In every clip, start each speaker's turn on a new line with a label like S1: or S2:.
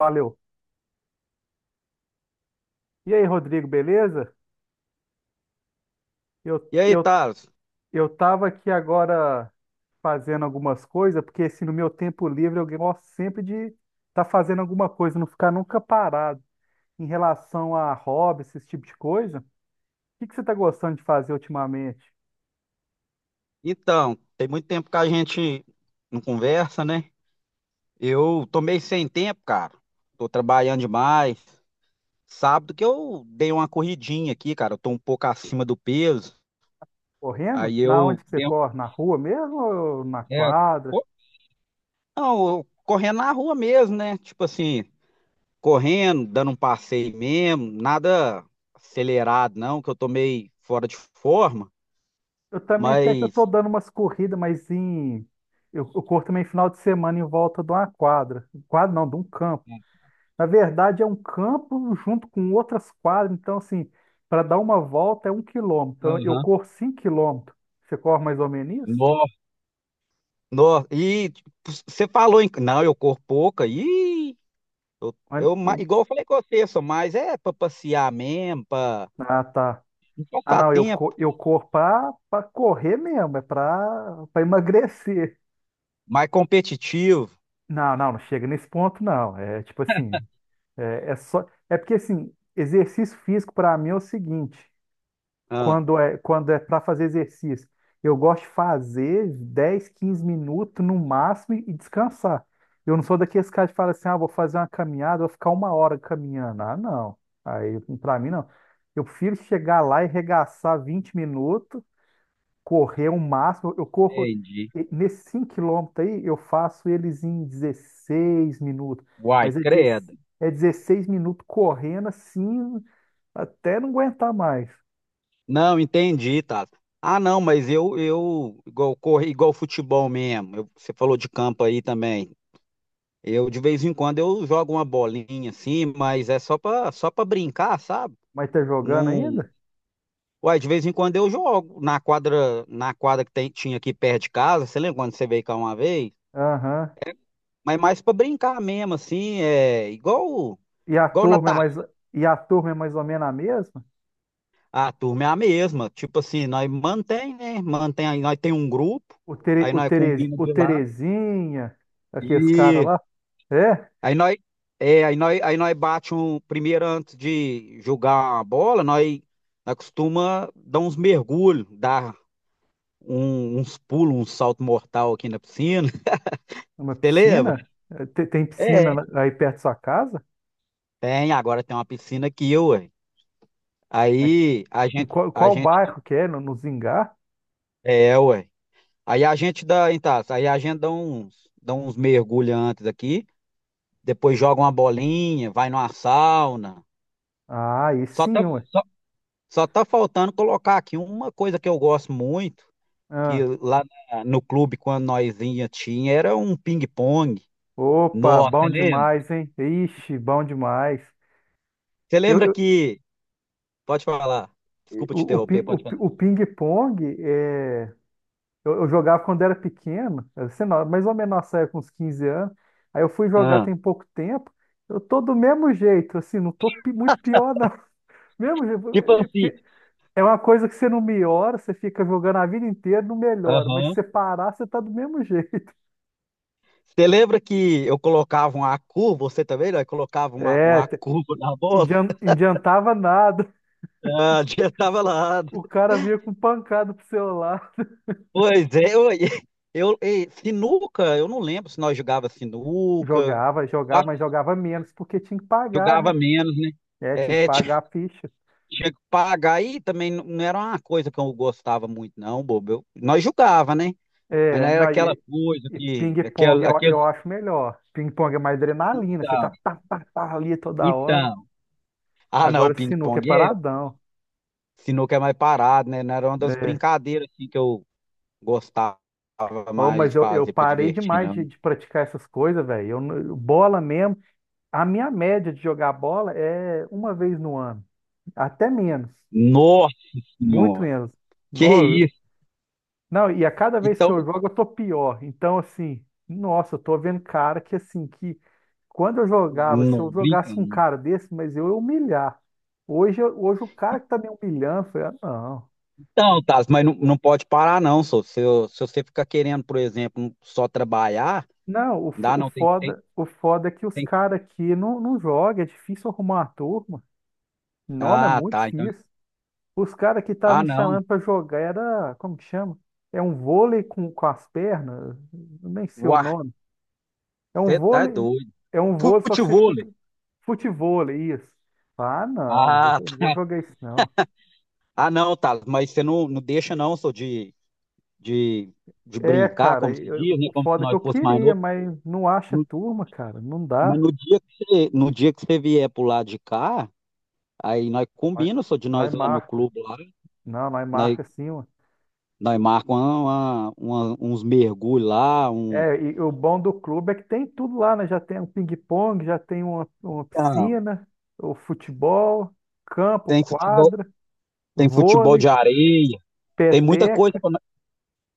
S1: Valeu. E aí, Rodrigo, beleza? Eu,
S2: E aí,
S1: eu,
S2: Thales?
S1: eu tava aqui agora fazendo algumas coisas, porque assim, no meu tempo livre eu gosto sempre de estar tá fazendo alguma coisa, não ficar nunca parado em relação a hobbies esse tipo de coisa. O que que você está gostando de fazer ultimamente?
S2: Então, tem muito tempo que a gente não conversa, né? Eu tô meio sem tempo, cara. Tô trabalhando demais. Sábado que eu dei uma corridinha aqui, cara. Eu tô um pouco acima do peso.
S1: Correndo?
S2: Aí
S1: Na onde
S2: eu
S1: que você
S2: dei
S1: corre? Na rua mesmo ou na
S2: é,
S1: quadra?
S2: co- não, eu correndo na rua mesmo, né? Tipo assim, correndo, dando um passeio mesmo, nada acelerado, não, que eu tô meio fora de forma,
S1: Eu também até que eu tô
S2: mas.
S1: dando umas corridas, mas em... Eu corro também final de semana em volta de uma quadra. Quadra não, de um campo. Na verdade, é um campo junto com outras quadras. Então, assim, para dar uma volta é 1 quilômetro. Então, eu
S2: Aham.
S1: corro 5 quilômetros. Você corre mais ou menos isso?
S2: Nossa, e tipo, você falou em. Não, eu corro pouca. Ih,
S1: Mas-
S2: igual eu falei com você, só mais é pra passear mesmo, pra
S1: Ah, tá.
S2: não
S1: Ah,
S2: passar
S1: não, eu, co-
S2: tempo,
S1: eu corro para correr mesmo, é para emagrecer.
S2: mais competitivo.
S1: Não, não, não chega nesse ponto, não. É tipo assim, é só. É porque, assim, exercício físico para mim é o seguinte.
S2: Ah,
S1: Quando é para fazer exercício. Eu gosto de fazer 10 15 minutos no máximo e descansar. Eu não sou daqueles caras que falam assim, ah, vou fazer uma caminhada, vou ficar 1 hora caminhando. Ah, não. Aí, para mim, não. Eu prefiro chegar lá e regaçar 20 minutos, correr o máximo. Eu corro,
S2: entendi.
S1: nesses 5 quilômetros aí, eu faço eles em 16 minutos.
S2: Uai,
S1: Mas é
S2: credo.
S1: 16, é 16 minutos correndo assim, até não aguentar mais.
S2: Não, entendi, tá. Ah, não, mas eu igual correr, igual futebol mesmo. Você falou de campo aí também. Eu, de vez em quando, eu jogo uma bolinha assim, mas é só para brincar, sabe?
S1: Mas tá jogando
S2: Não.
S1: ainda?
S2: Uai, de vez em quando eu jogo na quadra que tinha aqui perto de casa, você lembra quando você veio cá uma vez?
S1: Aham.
S2: Mas mais pra brincar mesmo, assim, é
S1: E a
S2: igual na
S1: turma é
S2: tá.
S1: mais, e a turma é mais ou menos a mesma?
S2: A turma é a mesma, tipo assim, nós mantém, né? Mantém aí, nós tem um grupo,
S1: O, Tere,
S2: aí
S1: o,
S2: nós
S1: Tere,
S2: combina
S1: o
S2: de lá
S1: Terezinha, aqueles caras
S2: e
S1: lá? É?
S2: aí nós é, aí nós bate um primeiro antes de jogar a bola, nós costuma dar uns mergulhos, dar uns pulos, um salto mortal aqui na piscina.
S1: Uma
S2: Você lembra?
S1: piscina? É, tem piscina
S2: É,
S1: na- aí perto da sua casa?
S2: Agora tem uma piscina aqui, ué.
S1: Mas
S2: Aí
S1: em qual,
S2: a
S1: qual
S2: gente,
S1: bairro que é? No, no Zingá?
S2: é, ué. Aí a gente dá, então, aí a gente dá uns mergulhos antes aqui, depois joga uma bolinha, vai numa sauna.
S1: Ah, aí
S2: Só tá,
S1: sim, ué.
S2: só, só tá faltando colocar aqui uma coisa que eu gosto muito, que
S1: Ah,
S2: lá no clube, quando nós ia, tinha, era um ping-pong.
S1: opa,
S2: Nossa,
S1: bom
S2: você lembra?
S1: demais, hein? Ixi, bom demais.
S2: Você lembra
S1: Eu,
S2: que. Pode falar. Desculpa te
S1: o,
S2: interromper,
S1: pin-
S2: pode falar.
S1: o ping-pong é. Eu jogava quando era pequeno, era, sei lá, mais ou menos nossa época, uns 15 anos. Aí eu fui jogar
S2: Ah,
S1: tem pouco tempo. Eu tô do mesmo jeito, assim, não tô muito pior, não. Mesmo jeito,
S2: tipo
S1: é
S2: assim,
S1: porque é uma coisa que você não melhora, você fica jogando a vida inteira, não melhora. Mas se
S2: aham.
S1: você parar, você tá do mesmo jeito.
S2: Você lembra que eu colocava uma curva, você também, né? Colocava
S1: É,
S2: uma curva na bola?
S1: adiantava nada.
S2: Ah, já tava lá.
S1: O cara vinha com pancada pro celular.
S2: Pois é, ei, sinuca, eu não lembro se nós jogava sinuca,
S1: Jogava,
S2: eu
S1: jogava,
S2: acho
S1: mas
S2: que
S1: jogava menos, porque tinha que pagar,
S2: jogava
S1: né?
S2: menos, né?
S1: É, tinha que
S2: É, tinha
S1: pagar a ficha.
S2: tinha que pagar aí também não era uma coisa que eu gostava muito, não, bobo. Nós jogava, né? Mas não
S1: É,
S2: era
S1: não,
S2: aquela
S1: e,
S2: coisa
S1: e
S2: que,
S1: ping-pong
S2: aquela,
S1: eu,
S2: aquele,
S1: eu acho melhor. Ping-pong é mais adrenalina, você tá,
S2: então,
S1: tá, tá, tá ali toda hora.
S2: então. Ah, não,
S1: Agora sinuca é
S2: ping-pong é,
S1: paradão.
S2: sinuca é mais parado, né? Não era uma das
S1: É.
S2: brincadeiras assim, que eu gostava.
S1: Oh,
S2: Mais
S1: mas eu
S2: fazer para
S1: parei
S2: divertir,
S1: demais de,
S2: não.
S1: de praticar essas coisas, velho. Eu não- bola mesmo. A minha média de jogar bola é uma vez no ano, até menos,
S2: Nossa
S1: muito
S2: senhora,
S1: menos.
S2: que
S1: Não,
S2: isso?
S1: não, e a cada vez que
S2: Então,
S1: eu jogo eu tô pior. Então, assim, nossa, eu tô vendo cara que, assim, que quando eu jogava, se
S2: não
S1: eu
S2: brinca,
S1: jogasse um
S2: não.
S1: cara desse, mas eu ia humilhar. Hoje, eu- hoje o cara que tá me humilhando, eu falei, ah, não.
S2: Então, Taz, mas não pode parar, não, só. Se você ficar querendo, por exemplo, só trabalhar,
S1: Não, o, fo-
S2: dá
S1: o
S2: não,
S1: foda, o foda é que os
S2: tem.
S1: caras aqui não jogam, é difícil arrumar a turma. Nome é
S2: Ah,
S1: muito
S2: tá, então.
S1: difícil. Os caras que estavam
S2: Ah,
S1: me
S2: não.
S1: chamando pra jogar era, como que chama? É um vôlei com as pernas, eu nem sei o
S2: Uai,
S1: nome. É um
S2: você tá
S1: vôlei,
S2: doido.
S1: é um vôlei, só que você
S2: Futebol.
S1: chuta. Futevôlei, isso. Ah, não, não vou,
S2: Ah,
S1: não vou
S2: tá.
S1: jogar isso, não.
S2: Ah, não, Taz, mas você não deixa, não, só de, de
S1: É,
S2: brincar,
S1: cara,
S2: como
S1: e
S2: se
S1: eu-
S2: diz, né?
S1: o
S2: Como se
S1: foda é que
S2: nós
S1: eu
S2: fosse mais
S1: queria,
S2: novo.
S1: mas não acha
S2: No-
S1: turma, cara, não
S2: mas
S1: dá.
S2: no dia que você, vier pro lado de cá. Aí nós
S1: Nós
S2: combina, só de
S1: nós
S2: nós ir lá no
S1: marca.
S2: clube lá,
S1: Não, nós
S2: nós,
S1: marca sim, mano.
S2: nós marcamos uns mergulhos lá, um.
S1: É, e o bom do clube é que tem tudo lá, né? Já tem um ping-pong, já tem uma
S2: Não,
S1: piscina, o futebol, campo,
S2: tem futebol,
S1: quadra,
S2: tem futebol
S1: vôlei,
S2: de areia, tem muita coisa
S1: peteca.
S2: para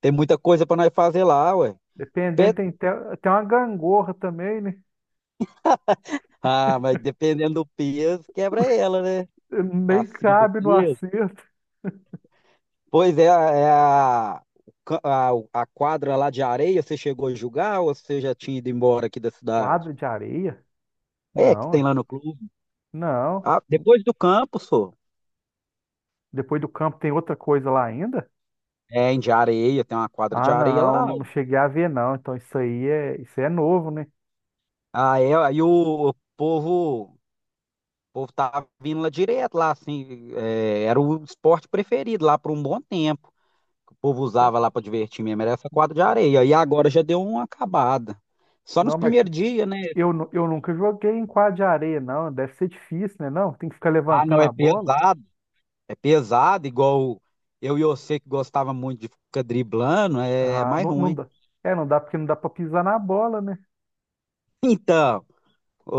S2: tem muita coisa para nós fazer lá, ué.
S1: Dependendo,
S2: Pe-
S1: tem até, tem uma gangorra também, né?
S2: Ah, mas dependendo do peso, quebra ela, né?
S1: Nem
S2: Acima do
S1: cabe no
S2: peso.
S1: acerto.
S2: Pois é, é a, o ca- a quadra lá de areia, você chegou a jogar ou você já tinha ido embora aqui da cidade?
S1: Quadra de areia?
S2: É, que
S1: Não,
S2: tem
S1: é.
S2: lá no clube.
S1: Não.
S2: Ah, depois do campo, só.
S1: Depois do campo tem outra coisa lá ainda?
S2: É, em de areia, tem uma quadra de
S1: Ah,
S2: areia
S1: não,
S2: lá.
S1: não não cheguei a ver, não. Então isso aí é novo, né?
S2: Aí o povo tava vindo lá direto, lá, assim, era o esporte preferido lá por um bom tempo. Que o povo usava lá para divertir mesmo, era essa quadra de areia. E agora já deu uma acabada. Só nos
S1: Não, mas
S2: primeiros dias, né?
S1: eu, eu nunca joguei em quadra de areia, não. Deve ser difícil, né? Não, tem que ficar
S2: Ah, não,
S1: levantando
S2: é
S1: a bola.
S2: pesado. É pesado, igual eu e você que gostava muito de ficar driblando, é
S1: Ah,
S2: mais
S1: não, não
S2: ruim.
S1: dá. É, não dá porque não dá pra pisar na bola, né?
S2: Então,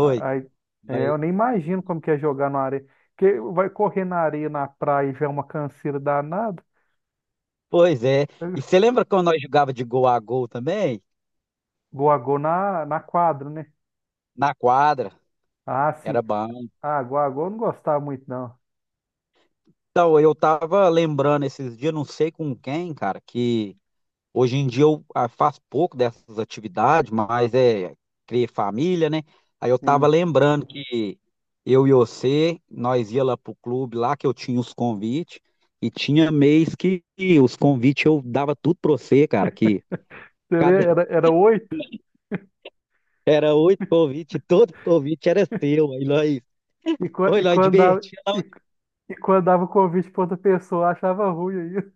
S1: Aí, é,
S2: mas-
S1: eu nem imagino como que é jogar na areia. Porque vai correr na areia, na praia, já é uma canseira danada.
S2: Pois é. E você lembra quando nós jogava de gol a gol também?
S1: Goagô na, na quadra, né?
S2: Na quadra,
S1: Ah,
S2: era
S1: sim.
S2: bom.
S1: Ah, Goagô eu não gostava muito, não.
S2: Então, eu tava lembrando esses dias, não sei com quem, cara, que hoje em dia eu faço pouco dessas atividades, mas é criar família, né? Aí eu tava
S1: Sim.
S2: lembrando que eu e você, nós ia lá pro clube lá que eu tinha os convites e tinha mês que os convites eu dava tudo pra você, cara, que
S1: Você lê,
S2: cada
S1: era, era oito.
S2: era oito convites, todo convite era seu. Aí nós,
S1: E,
S2: oi, nós divertia.
S1: e quando dava o convite para outra pessoa, eu achava ruim aí.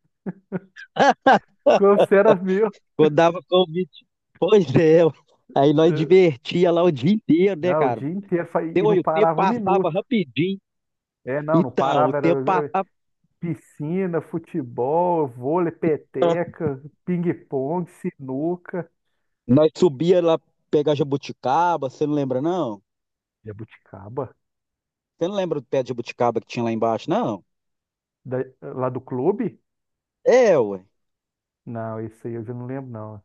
S1: Quando você era meu.
S2: Quando dava convite. Pois é. Aí nós
S1: É.
S2: divertia lá o dia inteiro, né,
S1: Não, o
S2: cara?
S1: dia inteiro. E não
S2: Olha, o tempo
S1: parava um
S2: passava
S1: minuto.
S2: rapidinho.
S1: É, não, não
S2: Então, o
S1: parava.
S2: tempo
S1: Era é,
S2: passava.
S1: piscina, futebol, vôlei, peteca, ping-pong, sinuca.
S2: Nós subia lá pegar jabuticaba, você não lembra, não?
S1: Jabuticaba.
S2: Você não lembra do pé de jabuticaba que tinha lá embaixo, não?
S1: Da- Lá do clube?
S2: É, ué.
S1: Não, isso aí eu já não lembro, não.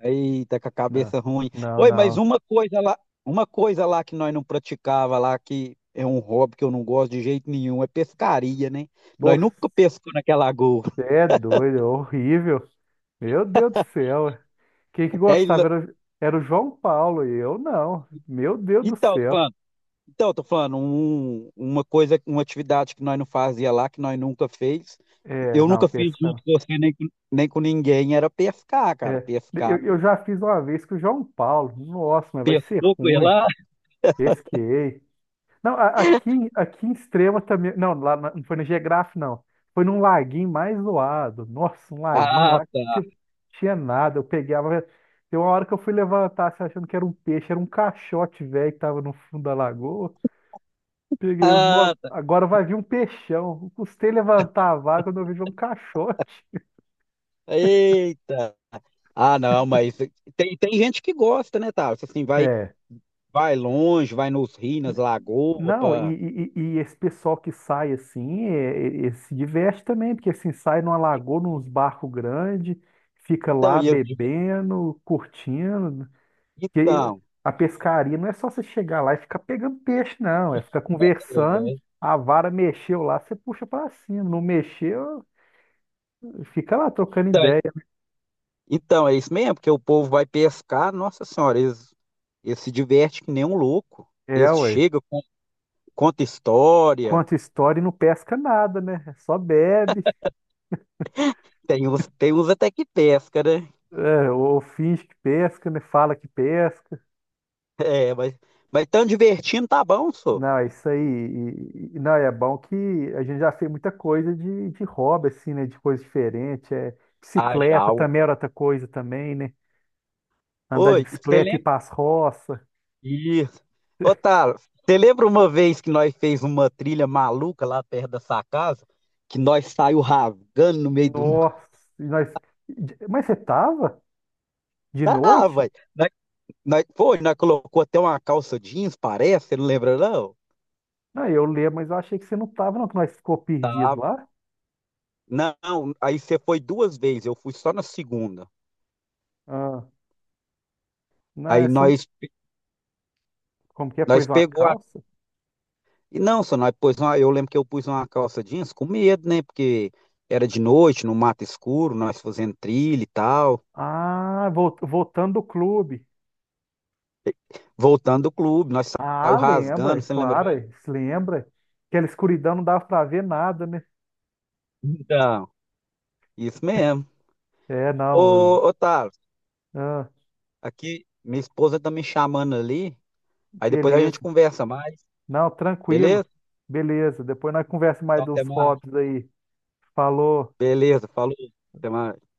S2: Eita, com a
S1: Não,
S2: cabeça ruim.
S1: não,
S2: Oi, mas
S1: não.
S2: uma coisa lá que nós não praticava lá, que é um hobby que eu não gosto de jeito nenhum, é pescaria, né? Nós
S1: Você
S2: nunca pescamos naquela lagoa.
S1: é doido, é horrível. Meu Deus do céu. Quem que
S2: É,
S1: gostava era, era o João Paulo e eu não. Meu Deus do
S2: então, tô
S1: céu.
S2: falando. Então, eu tô falando, uma coisa, uma atividade que nós não fazia lá, que nós nunca fez.
S1: É,
S2: Eu
S1: não,
S2: nunca fiz
S1: pesca.
S2: junto com você, nem com ninguém, era pescar, cara.
S1: É,
S2: Pescar.
S1: eu já fiz uma vez com o João Paulo. Nossa, mas vai ser
S2: Pescou com
S1: ruim.
S2: ela?
S1: Pesquei. Não, aqui em Extrema também. Não, não foi no Geograf, não. Foi num laguinho mais zoado. Nossa, um laguinho
S2: Ah,
S1: lá que
S2: tá.
S1: tipo, tinha nada. Eu pegava. Tem uma hora que eu fui levantar, assim, achando que era um peixe, era um caixote velho que tava no fundo da lagoa. Peguei, "Nó,
S2: Ah, tá.
S1: agora vai vir um peixão. Eu custei levantar a vaga quando eu vejo um caixote.
S2: Eita! Ah, não, mas tem gente que gosta, né, Tarso? Assim,
S1: É.
S2: vai longe, vai nos rios, nas lagoas,
S1: Não,
S2: pra.
S1: esse pessoal que sai assim, se diverte também, porque assim, sai numa lagoa, nos barcos grandes, fica
S2: Então,
S1: lá
S2: e eu digo,
S1: bebendo, curtindo. Porque
S2: então,
S1: a pescaria não é só você chegar lá e ficar pegando peixe, não. É ficar conversando,
S2: é,
S1: a vara mexeu lá, você puxa pra cima. Não mexeu, fica lá trocando
S2: então.
S1: ideia.
S2: Então, é isso mesmo, porque o povo vai pescar, nossa senhora, eles se divertem que nem um louco.
S1: É,
S2: Eles
S1: ué.
S2: chegam, conta história.
S1: Conta história e não pesca nada, né? Só bebe,
S2: Tem uns até que pesca, né?
S1: é, ou finge que pesca, né? Fala que pesca.
S2: É, mas tão divertindo, tá bom, só.
S1: Não, é isso aí. E, não, é bom que a gente já fez muita coisa de hobby, assim, né? De coisa diferente. É,
S2: Ah, já,
S1: bicicleta
S2: ué.
S1: também era outra coisa também, né? Andar de
S2: Oi, e você
S1: bicicleta e ir
S2: lembra?
S1: pras roças.
S2: Isso. Ô, Tala, você lembra uma vez que nós fez uma trilha maluca lá perto da sua casa? Que nós saiu rasgando no meio do.
S1: Nossa, e nós... Mas você tava? De
S2: Ah,
S1: noite?
S2: vai. Nós, nós colocou até uma calça jeans, parece, você não lembra, não?
S1: Não, eu lembro, mas eu achei que você não tava, não, que nós ficou
S2: Tá,
S1: perdido lá.
S2: não, aí você foi duas vezes, eu fui só na segunda.
S1: Ah, não, é
S2: Aí
S1: só- um, como que é?
S2: nós
S1: Pôs uma
S2: pegou a.
S1: calça?
S2: E não, só nós pôs uma, eu lembro que eu pus uma calça jeans com medo, né? Porque era de noite, no mato escuro, nós fazendo trilha e tal.
S1: Ah, voltando do clube.
S2: Voltando do clube, nós saiu
S1: Ah, lembra, é
S2: rasgando, você lembra
S1: claro,
S2: bem?
S1: é, se lembra. Aquela escuridão não dava pra ver nada, né?
S2: Então, isso mesmo.
S1: É,
S2: Ô,
S1: não. Eu-
S2: ô Thales,
S1: ah,
S2: aqui minha esposa tá me chamando ali, aí depois a
S1: beleza.
S2: gente conversa mais,
S1: Não, tranquilo.
S2: beleza?
S1: Beleza. Depois nós conversa mais
S2: Então
S1: de
S2: até
S1: uns
S2: mais.
S1: hobbies aí. Falou.
S2: Beleza, falou, até mais.